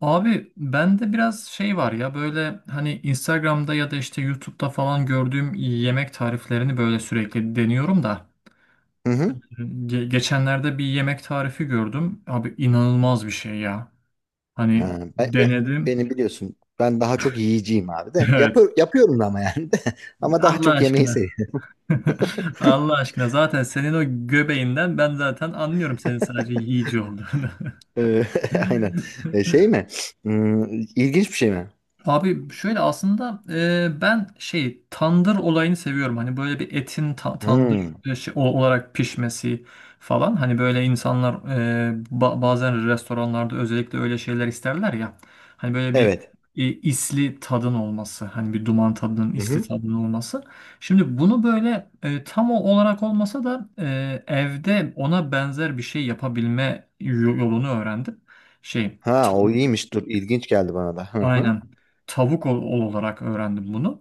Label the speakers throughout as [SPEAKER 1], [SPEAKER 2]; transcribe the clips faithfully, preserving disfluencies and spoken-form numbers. [SPEAKER 1] Abi bende biraz şey var ya böyle hani Instagram'da ya da işte YouTube'da falan gördüğüm yemek tariflerini böyle sürekli deniyorum da.
[SPEAKER 2] Hı hı.
[SPEAKER 1] Ge- geçenlerde bir yemek tarifi gördüm. Abi inanılmaz bir şey ya. Hani
[SPEAKER 2] Ha, ben, be-
[SPEAKER 1] denedim.
[SPEAKER 2] beni biliyorsun. Ben daha çok yiyeceğim abi de.
[SPEAKER 1] Evet.
[SPEAKER 2] Yapı- yapıyorum da ama yani de. Ama daha
[SPEAKER 1] Allah
[SPEAKER 2] çok yemeği
[SPEAKER 1] aşkına.
[SPEAKER 2] seviyorum.
[SPEAKER 1] Allah aşkına, zaten senin o göbeğinden ben zaten anlıyorum senin sadece yiyici olduğunu.
[SPEAKER 2] Ee, Aynen. Ee, şey mi? Hmm, ilginç bir şey mi?
[SPEAKER 1] Abi şöyle aslında e, ben şey tandır olayını seviyorum. Hani böyle bir etin ta- tandır
[SPEAKER 2] Hmm,
[SPEAKER 1] e, şey- o- olarak pişmesi falan. Hani böyle insanlar e, ba- bazen restoranlarda özellikle öyle şeyler isterler ya. Hani böyle bir
[SPEAKER 2] evet.
[SPEAKER 1] e, isli tadın olması. Hani bir duman tadının
[SPEAKER 2] Hı
[SPEAKER 1] isli
[SPEAKER 2] hı.
[SPEAKER 1] tadının olması. Şimdi bunu böyle e, tam o olarak olmasa da e, evde ona benzer bir şey yapabilme yo- yolunu öğrendim. Şey
[SPEAKER 2] Ha, o iyiymiş. Dur, ilginç geldi bana da. Hı hı.
[SPEAKER 1] aynen. Tavuk ol, ol olarak öğrendim bunu.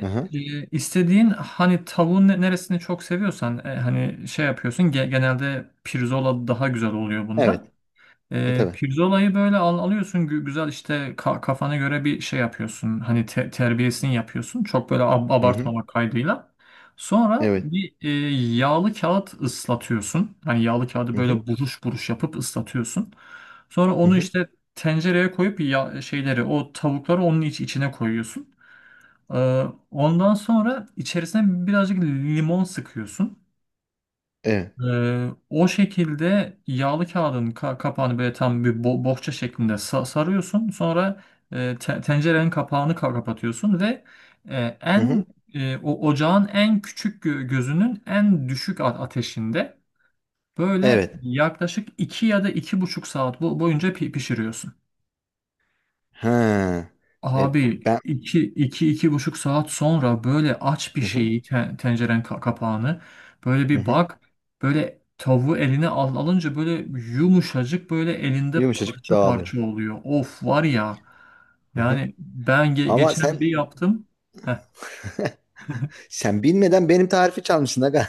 [SPEAKER 2] Hı hı.
[SPEAKER 1] e, istediğin hani tavuğun ne- neresini çok seviyorsan e, hani şey yapıyorsun, ge- genelde pirzola daha güzel oluyor bunda.
[SPEAKER 2] Evet. Ha,
[SPEAKER 1] E,
[SPEAKER 2] tabii.
[SPEAKER 1] pirzolayı böyle al, alıyorsun, gü- güzel işte ka- kafana göre bir şey yapıyorsun. Hani te- terbiyesini yapıyorsun. Çok böyle ab-
[SPEAKER 2] Hı hı.
[SPEAKER 1] abartmamak kaydıyla. Sonra
[SPEAKER 2] Evet.
[SPEAKER 1] bir e, yağlı kağıt ıslatıyorsun. Hani yağlı kağıdı
[SPEAKER 2] Hı hı.
[SPEAKER 1] böyle buruş buruş yapıp ıslatıyorsun. Sonra
[SPEAKER 2] Hı
[SPEAKER 1] onu
[SPEAKER 2] hı.
[SPEAKER 1] işte tencereye koyup ya şeyleri, o tavukları onun iç, içine koyuyorsun. Ee, ondan sonra içerisine birazcık limon sıkıyorsun.
[SPEAKER 2] Evet.
[SPEAKER 1] Ee, o şekilde yağlı kağıdın ka- kapağını böyle tam bir bo- bohça şeklinde sa- sarıyorsun. Sonra e, te- tencerenin kapağını ka- kapatıyorsun ve e,
[SPEAKER 2] Hı
[SPEAKER 1] en
[SPEAKER 2] hı.
[SPEAKER 1] e, o ocağın en küçük gö- gözünün en düşük a- ateşinde böyle
[SPEAKER 2] Evet.
[SPEAKER 1] yaklaşık iki ya da iki buçuk saat bo- boyunca pi- pişiriyorsun.
[SPEAKER 2] Ha. E,
[SPEAKER 1] Abi
[SPEAKER 2] ben
[SPEAKER 1] iki, iki, iki buçuk saat sonra böyle aç bir
[SPEAKER 2] Hı hı.
[SPEAKER 1] şeyi, te- tenceren ka- kapağını böyle
[SPEAKER 2] Hı
[SPEAKER 1] bir
[SPEAKER 2] hı.
[SPEAKER 1] bak, böyle tavuğu eline al alınca böyle yumuşacık, böyle elinde
[SPEAKER 2] Yumuşacık
[SPEAKER 1] parça
[SPEAKER 2] dağılıyor.
[SPEAKER 1] parça oluyor. Of, var ya,
[SPEAKER 2] Hı hı.
[SPEAKER 1] yani ben ge-
[SPEAKER 2] Ama
[SPEAKER 1] geçen bir
[SPEAKER 2] sen
[SPEAKER 1] yaptım. Heh,
[SPEAKER 2] sen bilmeden benim tarifi çalmışsın aga.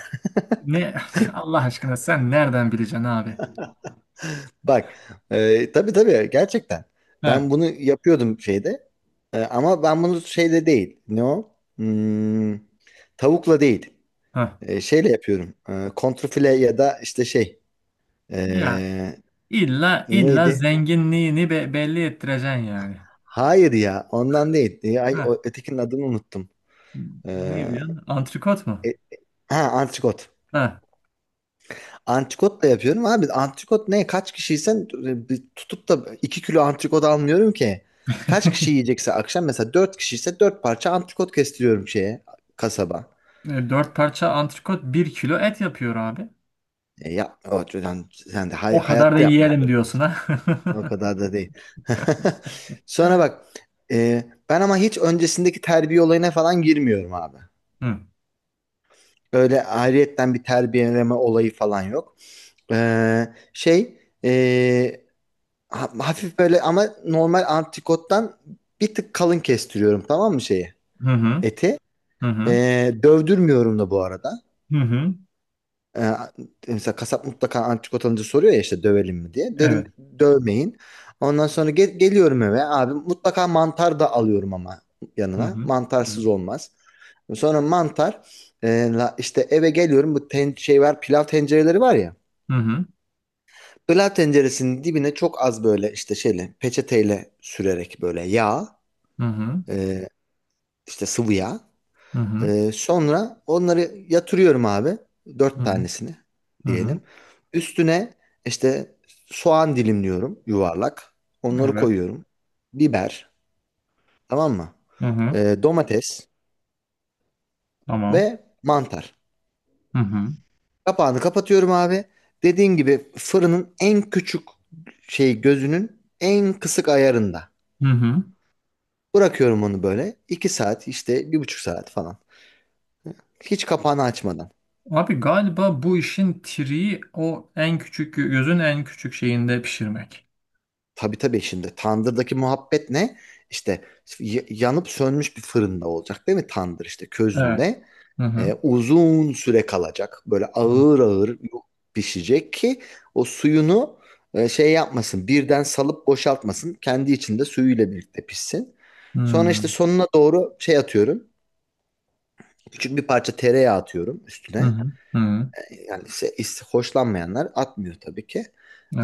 [SPEAKER 1] ne Allah aşkına, sen nereden bileceksin abi?
[SPEAKER 2] Bak. E, tabii tabii, gerçekten.
[SPEAKER 1] Heh,
[SPEAKER 2] Ben bunu yapıyordum şeyde. E, ama ben bunu şeyde değil. Ne o? Hmm, tavukla değil.
[SPEAKER 1] heh.
[SPEAKER 2] E, şeyle yapıyorum. E, kontrfile ya da işte şey.
[SPEAKER 1] Ya
[SPEAKER 2] E,
[SPEAKER 1] illa illa
[SPEAKER 2] Neydi?
[SPEAKER 1] zenginliğini be- belli ettireceksin yani.
[SPEAKER 2] Hayır ya, ondan değil. Ee, ay,
[SPEAKER 1] Heh.
[SPEAKER 2] o, ötekinin adını unuttum. Ee,
[SPEAKER 1] Ne diyorsun? Antrikot mu?
[SPEAKER 2] e- ha, antrikot.
[SPEAKER 1] Heh.
[SPEAKER 2] Antrikot da yapıyorum abi. Antrikot ne? Kaç kişiysen e, bir tutup da iki kilo antrikot almıyorum ki. Kaç kişi yiyecekse akşam mesela dört kişiyse dört parça antrikot kestiriyorum şeye, kasaba.
[SPEAKER 1] E, dört parça antrikot bir kilo et yapıyor abi.
[SPEAKER 2] E, ya o, yani sen de hay-
[SPEAKER 1] O kadar da
[SPEAKER 2] hayatta yapmak
[SPEAKER 1] yiyelim diyorsun
[SPEAKER 2] zorundasın.
[SPEAKER 1] ha.
[SPEAKER 2] O kadar da değil. Sonra bak, e, ben ama hiç öncesindeki terbiye olayına falan girmiyorum abi. Öyle ayrıyetten bir terbiyeleme olayı falan yok. Ee, şey ee, ha- Hafif böyle ama normal antrikottan bir tık kalın kestiriyorum, tamam mı, şeyi?
[SPEAKER 1] Hı hı
[SPEAKER 2] Eti.
[SPEAKER 1] hı hı
[SPEAKER 2] Ee, dövdürmüyorum da bu arada.
[SPEAKER 1] hı hı. Hı.
[SPEAKER 2] Ee, Mesela kasap mutlaka antrikot alınca soruyor ya, işte dövelim mi diye.
[SPEAKER 1] Evet.
[SPEAKER 2] Dedim dövmeyin. Ondan sonra ge- geliyorum eve abi, mutlaka mantar da alıyorum ama
[SPEAKER 1] Hı
[SPEAKER 2] yanına.
[SPEAKER 1] hı hı
[SPEAKER 2] Mantarsız olmaz. Sonra mantar, e, la- işte eve geliyorum, bu ten, şey var, pilav tencereleri var ya.
[SPEAKER 1] hı hı
[SPEAKER 2] Pilav tenceresinin dibine çok az böyle işte şeyle, peçeteyle sürerek böyle yağ,
[SPEAKER 1] hı
[SPEAKER 2] e, işte sıvı yağ.
[SPEAKER 1] hı hı
[SPEAKER 2] Ee, sonra onları yatırıyorum abi.
[SPEAKER 1] hı
[SPEAKER 2] Dört
[SPEAKER 1] hı.
[SPEAKER 2] tanesini
[SPEAKER 1] Hı. Hı.
[SPEAKER 2] diyelim. Üstüne işte soğan dilimliyorum yuvarlak. Onları
[SPEAKER 1] Evet.
[SPEAKER 2] koyuyorum. Biber, tamam mı?
[SPEAKER 1] Hı hı.
[SPEAKER 2] Ee, domates
[SPEAKER 1] Tamam.
[SPEAKER 2] ve mantar.
[SPEAKER 1] Hı hı
[SPEAKER 2] Kapağını kapatıyorum abi. Dediğim gibi fırının en küçük şey gözünün en kısık ayarında.
[SPEAKER 1] hı hı.
[SPEAKER 2] Bırakıyorum onu böyle. iki saat işte, bir buçuk saat falan. Hiç kapağını açmadan.
[SPEAKER 1] Abi galiba bu işin triği o en küçük gözün en küçük şeyinde pişirmek.
[SPEAKER 2] Tabii tabii, şimdi tandırdaki muhabbet ne? İşte y- yanıp sönmüş bir fırında olacak değil mi tandır, işte
[SPEAKER 1] Evet.
[SPEAKER 2] közünde.
[SPEAKER 1] Hı hı.
[SPEAKER 2] E, uzun süre kalacak. Böyle ağır ağır pişecek ki o suyunu e, şey yapmasın. Birden salıp boşaltmasın. Kendi içinde suyuyla birlikte pişsin.
[SPEAKER 1] Hı
[SPEAKER 2] Sonra
[SPEAKER 1] hı
[SPEAKER 2] işte sonuna doğru şey atıyorum. Küçük bir parça tereyağı atıyorum
[SPEAKER 1] hı
[SPEAKER 2] üstüne,
[SPEAKER 1] hı. Hı.
[SPEAKER 2] yani se- is- hoşlanmayanlar atmıyor tabii ki.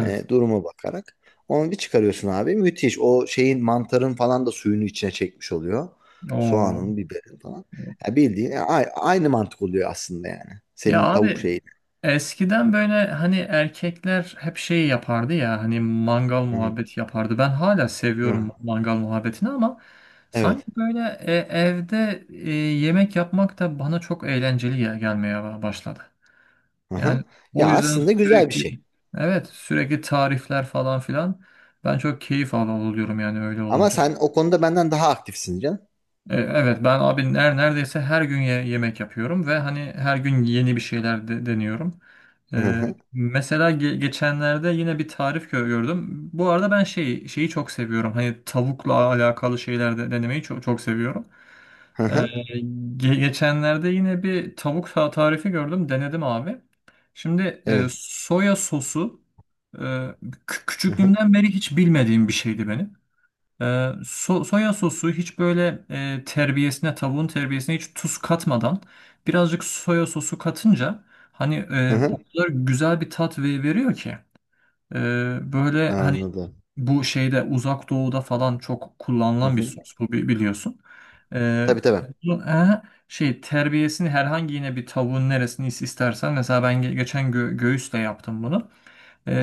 [SPEAKER 2] E, duruma bakarak. Onu bir çıkarıyorsun abi. Müthiş. O şeyin, mantarın falan da suyunu içine çekmiş oluyor.
[SPEAKER 1] Oo.
[SPEAKER 2] Soğanın, biberin falan. Ya bildiğin ya a- aynı mantık oluyor aslında yani.
[SPEAKER 1] Ya
[SPEAKER 2] Senin tavuk
[SPEAKER 1] abi,
[SPEAKER 2] şeyi.
[SPEAKER 1] eskiden böyle hani erkekler hep şey yapardı ya, hani mangal
[SPEAKER 2] Hı hı.
[SPEAKER 1] muhabbeti yapardı. Ben hala seviyorum
[SPEAKER 2] Hı.
[SPEAKER 1] mangal muhabbetini, ama sanki
[SPEAKER 2] Evet.
[SPEAKER 1] böyle e, evde e, yemek yapmak da bana çok eğlenceli ya, gelmeye ba- başladı.
[SPEAKER 2] Aha.
[SPEAKER 1] Yani o
[SPEAKER 2] Ya
[SPEAKER 1] yüzden
[SPEAKER 2] aslında güzel bir
[SPEAKER 1] sürekli,
[SPEAKER 2] şey.
[SPEAKER 1] evet, sürekli tarifler falan filan, ben çok keyif al- alıyorum yani öyle
[SPEAKER 2] Ama
[SPEAKER 1] olunca.
[SPEAKER 2] sen o konuda benden daha aktifsin canım.
[SPEAKER 1] E, Evet, ben abi ner- neredeyse her gün ye- yemek yapıyorum ve hani her gün yeni bir şeyler de- deniyorum.
[SPEAKER 2] Hı
[SPEAKER 1] E,
[SPEAKER 2] hı.
[SPEAKER 1] mesela ge- geçenlerde yine bir tarif gö- gördüm. Bu arada ben şeyi şeyi çok seviyorum. Hani tavukla alakalı şeyler de denemeyi çok çok seviyorum.
[SPEAKER 2] Hı
[SPEAKER 1] E,
[SPEAKER 2] hı.
[SPEAKER 1] ge- geçenlerde yine bir tavuk ta- tarifi gördüm. Denedim abi. Şimdi e,
[SPEAKER 2] Evet.
[SPEAKER 1] soya sosu e, kü-
[SPEAKER 2] Hı hı.
[SPEAKER 1] küçüklüğümden beri hiç bilmediğim bir şeydi benim. Ee, so- soya sosu hiç böyle e, terbiyesine, tavuğun terbiyesine hiç tuz katmadan birazcık soya sosu katınca, hani
[SPEAKER 2] Hı
[SPEAKER 1] e, o
[SPEAKER 2] hı.
[SPEAKER 1] kadar güzel bir tat ve- veriyor ki. E, böyle hani
[SPEAKER 2] Anladım.
[SPEAKER 1] bu şeyde, uzak doğuda falan çok
[SPEAKER 2] Hı
[SPEAKER 1] kullanılan bir
[SPEAKER 2] hı.
[SPEAKER 1] sos bu, bi- biliyorsun. E,
[SPEAKER 2] Tabii tabii.
[SPEAKER 1] bu- e, şey, terbiyesini herhangi, yine bir tavuğun neresini is- istersen, mesela ben ge- geçen gö- göğüsle yaptım bunu.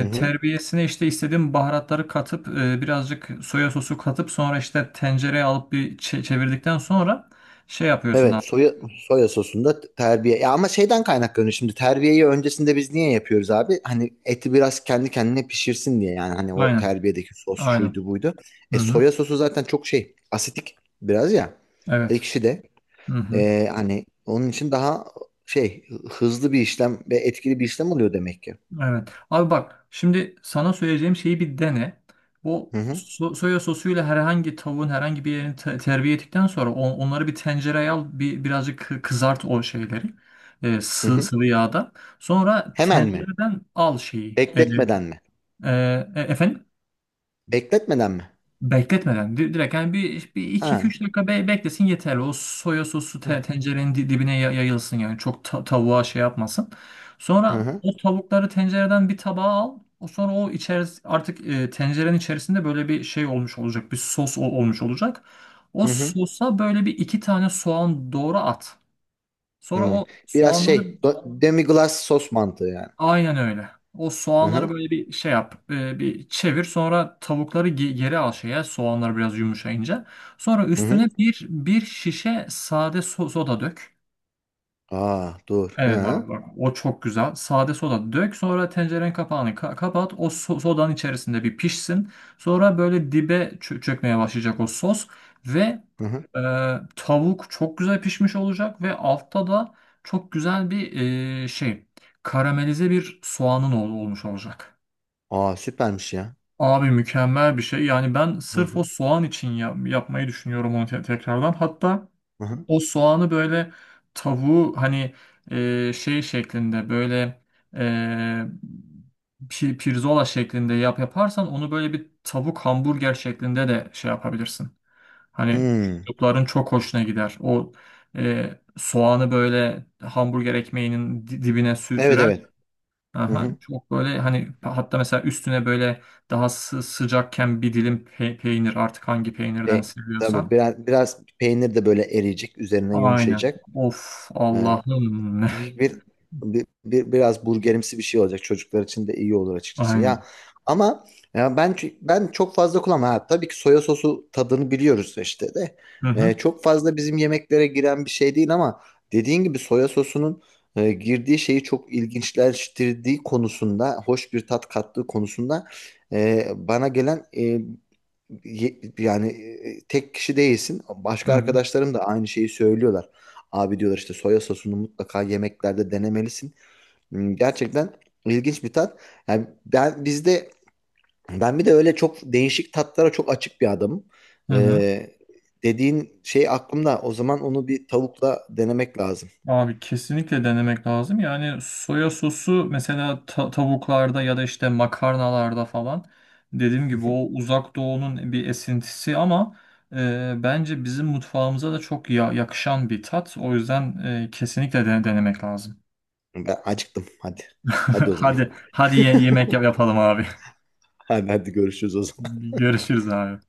[SPEAKER 2] Hı hı.
[SPEAKER 1] terbiyesine işte istediğim baharatları katıp, e, birazcık soya sosu katıp sonra işte tencereye alıp bir çe- çevirdikten sonra şey yapıyorsun
[SPEAKER 2] Evet,
[SPEAKER 1] abi.
[SPEAKER 2] soya, soya sosunda terbiye. Ya ama şeyden kaynaklanıyor şimdi, terbiyeyi öncesinde biz niye yapıyoruz abi? Hani eti biraz kendi kendine pişirsin diye, yani hani o
[SPEAKER 1] Aynen.
[SPEAKER 2] terbiyedeki sos
[SPEAKER 1] Aynen.
[SPEAKER 2] şuydu buydu. E
[SPEAKER 1] Hı hı.
[SPEAKER 2] soya sosu zaten çok şey asitik, biraz ya,
[SPEAKER 1] Evet.
[SPEAKER 2] ekşi de.
[SPEAKER 1] Hı hı.
[SPEAKER 2] E, hani onun için daha şey hızlı bir işlem ve etkili bir işlem oluyor demek ki.
[SPEAKER 1] Evet. Abi bak, şimdi sana söyleyeceğim şeyi bir dene. O
[SPEAKER 2] Hı hı,
[SPEAKER 1] so- soya sosuyla herhangi tavuğun herhangi bir yerini te- terbiye ettikten sonra on- onları bir tencereye al, bir birazcık kı- kızart o şeyleri. E,
[SPEAKER 2] hı
[SPEAKER 1] sı-
[SPEAKER 2] hı.
[SPEAKER 1] sıvı yağda. Sonra
[SPEAKER 2] Hemen mi?
[SPEAKER 1] tencereden al şeyi. E, e,
[SPEAKER 2] Bekletmeden mi?
[SPEAKER 1] e, efendim?
[SPEAKER 2] Bekletmeden mi?
[SPEAKER 1] Bekletmeden di- direkt, yani bir, bir
[SPEAKER 2] Ha.
[SPEAKER 1] iki üç dakika be- beklesin yeterli. O soya sosu
[SPEAKER 2] Hı
[SPEAKER 1] te- tencerenin di- dibine ya- yayılsın, yani çok ta- tavuğa şey yapmasın. Sonra
[SPEAKER 2] hı,
[SPEAKER 1] o tavukları tencereden bir tabağa al. O sonra o içeris artık, e, tencerenin içerisinde böyle bir şey olmuş olacak. Bir sos ol- olmuş olacak. O
[SPEAKER 2] hı hı.
[SPEAKER 1] sosa böyle bir iki tane soğan doğru at. Sonra
[SPEAKER 2] Hı.
[SPEAKER 1] o
[SPEAKER 2] Biraz
[SPEAKER 1] soğanları,
[SPEAKER 2] şey do- demi glace sos mantığı yani.
[SPEAKER 1] aynen öyle. O
[SPEAKER 2] Hı
[SPEAKER 1] soğanları
[SPEAKER 2] hı.
[SPEAKER 1] böyle bir şey yap, e, bir çevir. Sonra tavukları ge- geri al şeye, soğanlar biraz yumuşayınca. Sonra
[SPEAKER 2] Hı
[SPEAKER 1] üstüne
[SPEAKER 2] hı.
[SPEAKER 1] bir bir şişe sade so- soda dök.
[SPEAKER 2] Aa, dur. Hı
[SPEAKER 1] Evet abi
[SPEAKER 2] hı.
[SPEAKER 1] bak, o çok güzel. Sade soda dök, sonra tencerenin kapağını ka- kapat. O so- sodanın içerisinde bir pişsin. Sonra böyle dibe çö- çökmeye başlayacak o sos. Ve
[SPEAKER 2] Hı hı.
[SPEAKER 1] e, tavuk çok güzel pişmiş olacak. Ve altta da çok güzel bir e, şey karamelize bir soğanın ol- olmuş olacak.
[SPEAKER 2] Aa, süpermiş ya.
[SPEAKER 1] Abi mükemmel bir şey. Yani ben
[SPEAKER 2] Hı
[SPEAKER 1] sırf o
[SPEAKER 2] hı.
[SPEAKER 1] soğan için ya- yapmayı düşünüyorum onu te- tekrardan. Hatta...
[SPEAKER 2] Hı hı.
[SPEAKER 1] O soğanı böyle, tavuğu hani e, şey şeklinde, böyle e, pi- pirzola şeklinde yap yaparsan, onu böyle bir tavuk hamburger şeklinde de şey yapabilirsin. Hani
[SPEAKER 2] Hmm.
[SPEAKER 1] çocukların çok hoşuna gider. O e, soğanı böyle hamburger ekmeğinin di- dibine sü-
[SPEAKER 2] Evet
[SPEAKER 1] sürer.
[SPEAKER 2] evet. Hı
[SPEAKER 1] Aha,
[SPEAKER 2] hı.
[SPEAKER 1] çok böyle hani, hatta mesela üstüne böyle daha sı- sıcakken bir dilim pe- peynir, artık hangi peynirden
[SPEAKER 2] E, tabii,
[SPEAKER 1] seviyorsan.
[SPEAKER 2] biraz, biraz peynir de böyle eriyecek. Üzerine
[SPEAKER 1] Aynen.
[SPEAKER 2] yumuşayacak.
[SPEAKER 1] Of
[SPEAKER 2] Ee,
[SPEAKER 1] Allah'ım.
[SPEAKER 2] bir, bir, bir- bir- Biraz burgerimsi bir şey olacak. Çocuklar için de iyi olur açıkçası. Ya
[SPEAKER 1] Aynen.
[SPEAKER 2] ama ya ben ç- ben çok fazla kullanmam. Ha, tabii ki soya sosu tadını biliyoruz işte de.
[SPEAKER 1] Hı hı.
[SPEAKER 2] E, çok fazla bizim yemeklere giren bir şey değil ama dediğin gibi soya sosunun e, girdiği şeyi çok ilginçleştirdiği konusunda, hoş bir tat kattığı konusunda e, bana gelen e, ye- yani e, tek kişi değilsin.
[SPEAKER 1] Hı
[SPEAKER 2] Başka
[SPEAKER 1] hı.
[SPEAKER 2] arkadaşlarım da aynı şeyi söylüyorlar. Abi diyorlar işte soya sosunu mutlaka yemeklerde denemelisin. Hmm, Gerçekten ilginç bir tat. Yani ben bizde ben bir de öyle çok değişik tatlara çok açık bir adamım.
[SPEAKER 1] Hı hı.
[SPEAKER 2] Ee, Dediğin şey aklımda. O zaman onu bir tavukla denemek lazım.
[SPEAKER 1] Abi kesinlikle denemek lazım. Yani soya sosu mesela ta- tavuklarda ya da işte makarnalarda falan, dediğim gibi o uzak doğunun bir esintisi ama e, bence bizim mutfağımıza da çok ya- yakışan bir tat. O yüzden e, kesinlikle de- denemek lazım.
[SPEAKER 2] Ben acıktım. Hadi. Hadi o zaman.
[SPEAKER 1] Hadi hadi ye- yemek yap- yapalım abi.
[SPEAKER 2] Hadi, hadi görüşürüz o zaman.
[SPEAKER 1] Görüşürüz abi.